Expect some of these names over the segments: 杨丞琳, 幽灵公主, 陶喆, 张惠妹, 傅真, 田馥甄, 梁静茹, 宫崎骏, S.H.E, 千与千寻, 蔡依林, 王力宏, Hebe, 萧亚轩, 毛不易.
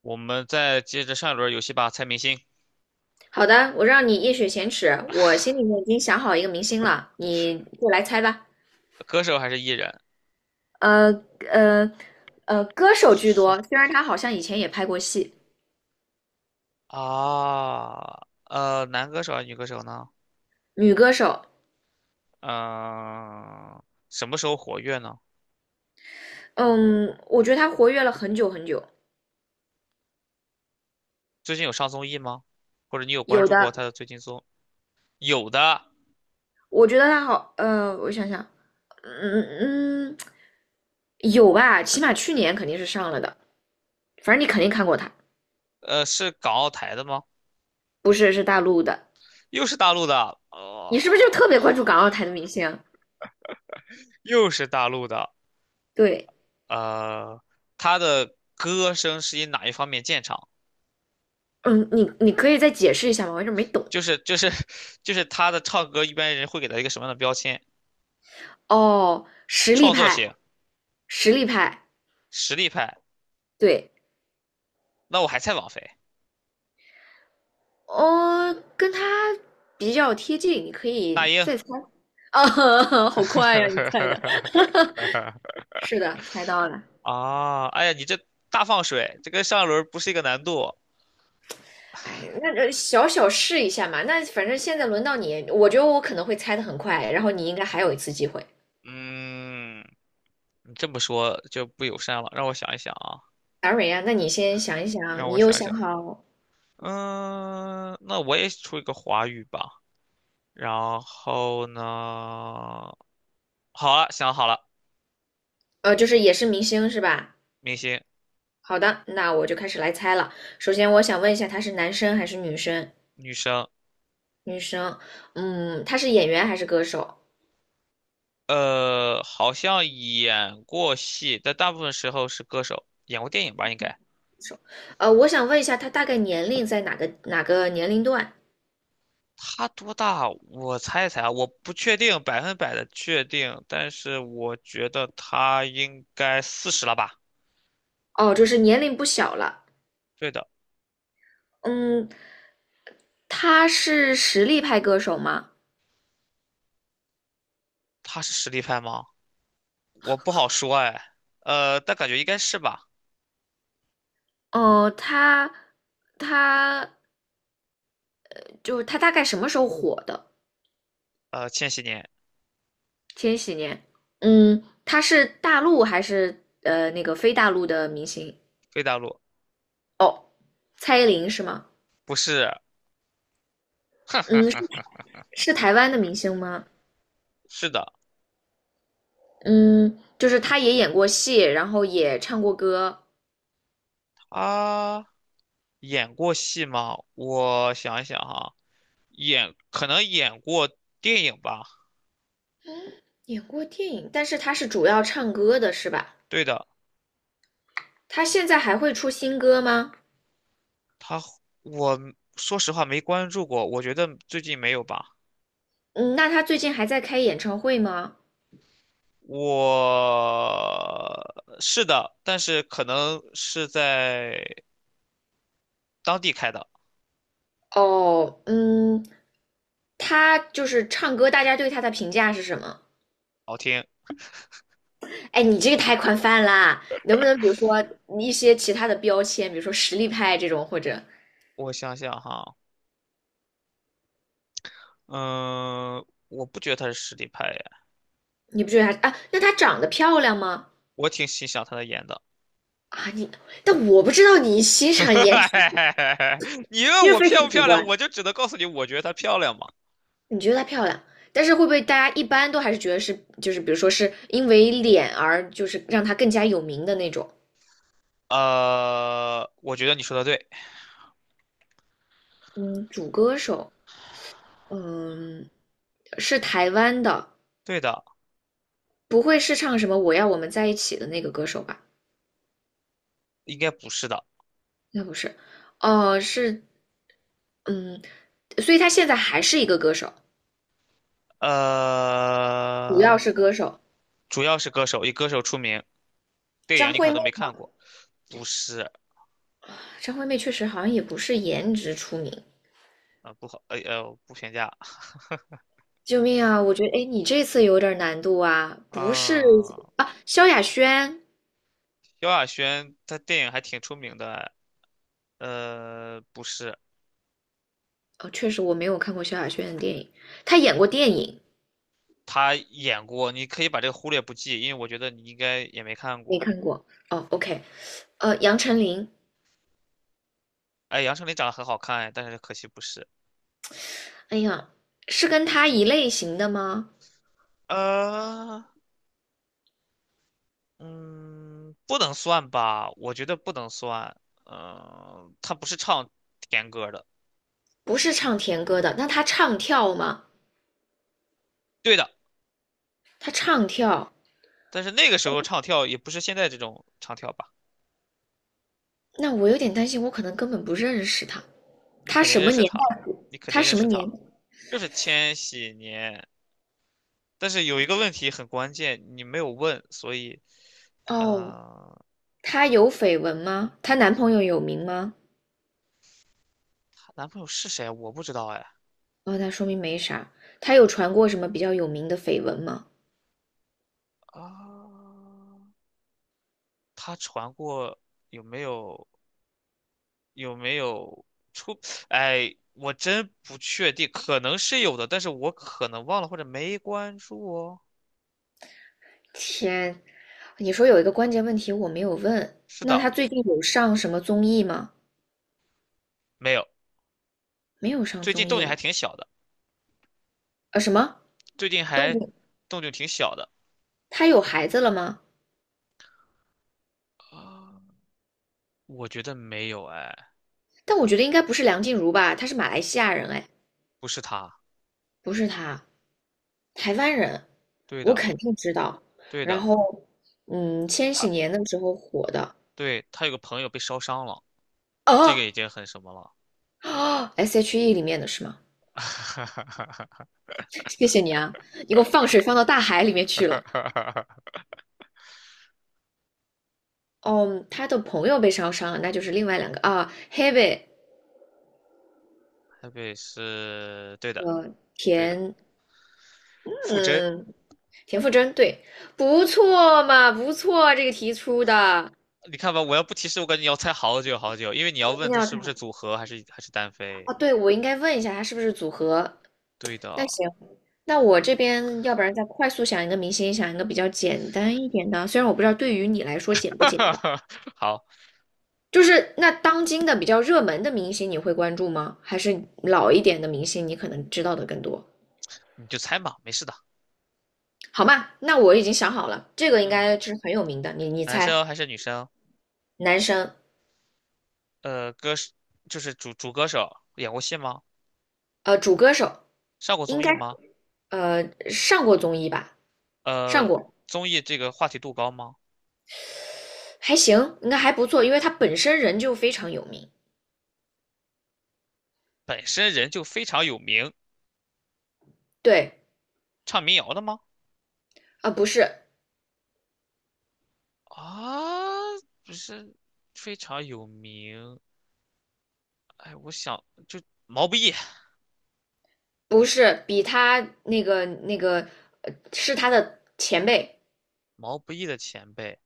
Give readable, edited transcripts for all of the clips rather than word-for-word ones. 我们再接着上一轮游戏吧，猜明星，好的，我让你一雪前耻，我心里面已经想好一个明星了，你过来猜吧。歌手还是艺人？呃呃歌手居说多，虽然她好像以前也拍过戏，啊，男歌手还是女歌手呢？女歌手。嗯、什么时候活跃呢？嗯，我觉得她活跃了很久很久，最近有上综艺吗？或者你有关有注过的，他的最近综？有的。我觉得她好，我想想，嗯嗯，有吧，起码去年肯定是上了的，反正你肯定看过她，是港澳台的吗？不是是大陆的，又是大陆的。你是不是就特别关注港澳台的明星啊又是大陆的。对，呃，他的歌声是以哪一方面见长？嗯，你可以再解释一下吗？我有点没懂。就是 就是他的唱歌，一般人会给他一个什么样的标签？哦，实力创作派，型。实力派，实力派。对，那我还猜王菲、哦，跟他比较贴近，你可那以英。再猜。啊，好快呀，你猜的，是的，猜到了。啊，哎呀，你这大放水，这跟上一轮不是一个难度。哎，那小小试一下嘛。那反正现在轮到你，我觉得我可能会猜的很快，然后你应该还有一次机会。嗯，你这么说就不友善了。让我想一想啊，达瑞呀，啊，那你先想一想，让你我又想想想。好，嗯，那我也出一个华语吧。然后呢，好了，想好了，就是也是明星是吧？明星，好的，那我就开始来猜了。首先，我想问一下，他是男生还是女生？女生。女生，嗯，她是演员还是歌手？好像演过戏，但大部分时候是歌手，演过电影吧，应该。我想问一下，她大概年龄在哪个年龄段？他多大？我猜一猜啊，我不确定，百分百的确定，但是我觉得他应该四十了吧？哦，就是年龄不小了。对的，嗯，她是实力派歌手吗？他是实力派吗？我不好说哎。但感觉应该是吧？哦，她就是她大概什么时候火的？千禧年，千禧年。嗯，她是大陆还是那个非大陆的明星？非大陆，哦，蔡依林是吗？不是，嗯，是台湾的明星吗？是的，嗯，就是她也演过戏，然后也唱过歌。他演过戏吗？我想一想哈，演可能演过电影吧？演过电影，但是他是主要唱歌的，是吧？对的。他现在还会出新歌吗？他我说实话没关注过，我觉得最近没有吧。嗯，那他最近还在开演唱会吗？我是的，但是可能是在当地开的，哦，嗯，他就是唱歌，大家对他的评价是什么？好听。哎，你这个太宽泛啦，能不能比如说一些其他的标签，比如说实力派这种，或者我想想哈，嗯，我不觉得他是实力派呀，你不觉得他啊？那他长得漂亮吗？我挺欣赏他的演的。啊，你，但我不知道你欣赏颜值，你问因为我非漂常不主漂亮，观。我就只能告诉你，我觉得她漂亮嘛。你觉得她漂亮，但是会不会大家一般都还是觉得是，就是比如说是因为脸而就是让她更加有名的那种？我觉得你说的对，嗯，主歌手，嗯，是台湾的，对的，不会是唱什么"我要我们在一起"的那个歌手吧？应该不是的。那不是，哦，是，嗯，所以她现在还是一个歌手，主要呃，是歌手。主要是歌手，以歌手出名，电张影你可惠能妹都没吗？看过，不是。张惠妹确实好像也不是颜值出名。不评价。救命啊！我觉得，哎，你这次有点难度啊，不是啊，啊？萧亚轩萧亚轩她电影还挺出名的。不是，哦，确实我没有看过萧亚轩的电影，她演过电影，她演过，你可以把这个忽略不计，因为我觉得你应该也没看没过。看过。哦，OK，杨丞琳，哎，杨丞琳长得很好看，哎但是可惜不是。哎呀，是跟她一类型的吗？呃，嗯，不能算吧，我觉得不能算。嗯、她不是唱甜歌的，不是唱甜歌的，那她唱跳吗？对的，她唱跳，但是那个时候唱跳也不是现在这种唱跳吧？那我有点担心，我可能根本不认识她。你她肯定什认么识年她，代？你肯她定认什么识年？她，就是千禧年。但是有一个问题很关键，你没有问，所以。哦，呃，她有绯闻吗？她男朋友有名吗？她男朋友是谁啊？我不知道哎。哦，那说明没啥。她有传过什么比较有名的绯闻吗？啊，她传过，有没有有没有出？哎，我真不确定，可能是有的，但是我可能忘了或者没关注哦。天，你说有一个关键问题我没有问，是那的，他最近有上什么综艺吗？没有。没有上最近综动艺静还了。挺小的，什么？最近动还物？动静挺小的。他有孩子了吗？啊，我觉得没有哎，但我觉得应该不是梁静茹吧，她是马来西亚人，哎，不是他。不是她，台湾人，对我的，肯定知道。对然的，后，嗯，千禧他年的时候火的，对他有个朋友被烧伤了。这个已哦经很什么了。哦，S.H.E 里面的是吗？谢谢你啊，你给我放水放到大海里面去了。哦，嗯他的朋友被烧伤了，那就是另外两个啊，Hebe 台北是对的，对的，田，傅真。嗯，田馥甄，对，不错嘛，不错，这个题出的，你看吧，我要不提示，我感觉你要猜好久好久，因为你要我问真的他要是不看是组合还是还是单飞。啊，对，我应该问一下他是不是组合。对那的。行，那我这边要不然再快速想一个明星，想一个比较简单一点的，虽然我不知道对于你来说简不简单，好，就是那当今的比较热门的明星你会关注吗？还是老一点的明星你可能知道的更多？你就猜嘛，没事的。好嘛，那我已经想好了，这个应嗯，该是很有名的，你男猜，生还是女生？男生，歌手就是主歌手，演过戏吗？主歌手。上过应综该艺吗？呃上过综艺吧，上呃，过，综艺这个话题度高吗？还行，应该还不错，因为他本身人就非常有名。本身人就非常有名，对，唱民谣的吗？啊、不是啊，不是非常有名。哎，我想就毛不易，不是，比他那个是他的前辈，毛不易的前辈，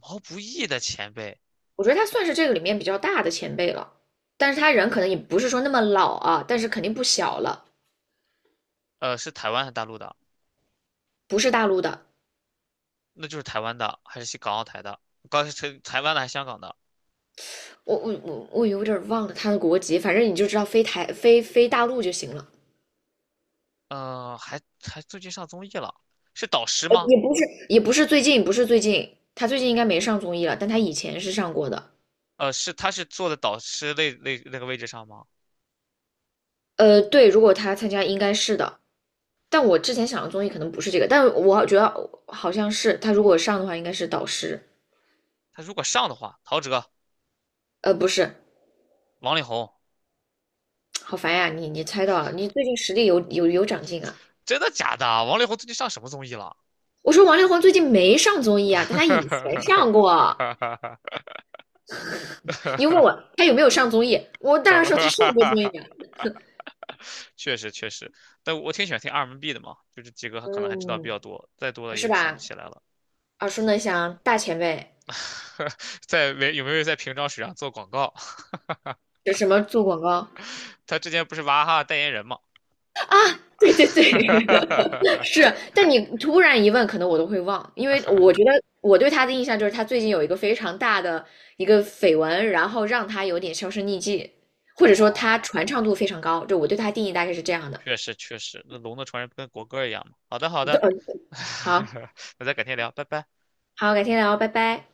毛不易的前辈。我觉得他算是这个里面比较大的前辈了，但是他人可能也不是说那么老啊，但是肯定不小了，是台湾还是大陆的？不是大陆的。那就是台湾的，还是港澳台的？刚才是台湾的还是香港的？我有点忘了他的国籍，反正你就知道非台非大陆就行了。呃，还还最近上综艺了，是导师吗？也不是，也不是最近，不是最近，他最近应该没上综艺了，但他以前是上过的。是他是坐在导师那个位置上吗？对，如果他参加应该是的，但我之前想的综艺可能不是这个，但我觉得好像是他如果上的话，应该是导师，他如果上的话，陶喆、不是，王力宏，好烦呀，你猜到了，你最近实力有长进啊。真的假的？王力宏最近上什么综艺了？我说王力宏最近没上综艺啊，但他以前上过。你又问我他有没有上综艺，我当然说他上过综艺啊，确实确实，但我挺喜欢听 R&B 的嘛，就这几个可能还知道比嗯，较多，再多了是也想不吧？起来了。耳熟能详，大前辈，在没有在平章水上做广告？这什么做广告？他之前不是娃哈哈代言人嘛？对对对，是，但你突然一问，可能我都会忘，因为我觉得我对他的印象就是他最近有一个非常大的一个绯闻，然后让他有点销声匿迹，或者说他哦，传唱度非常高，就我对他定义大概是这样的。确实确实，那龙的传人不跟国歌一样吗？好的好对的。嗯，好，那咱改天聊，拜拜。好，改天聊，拜拜。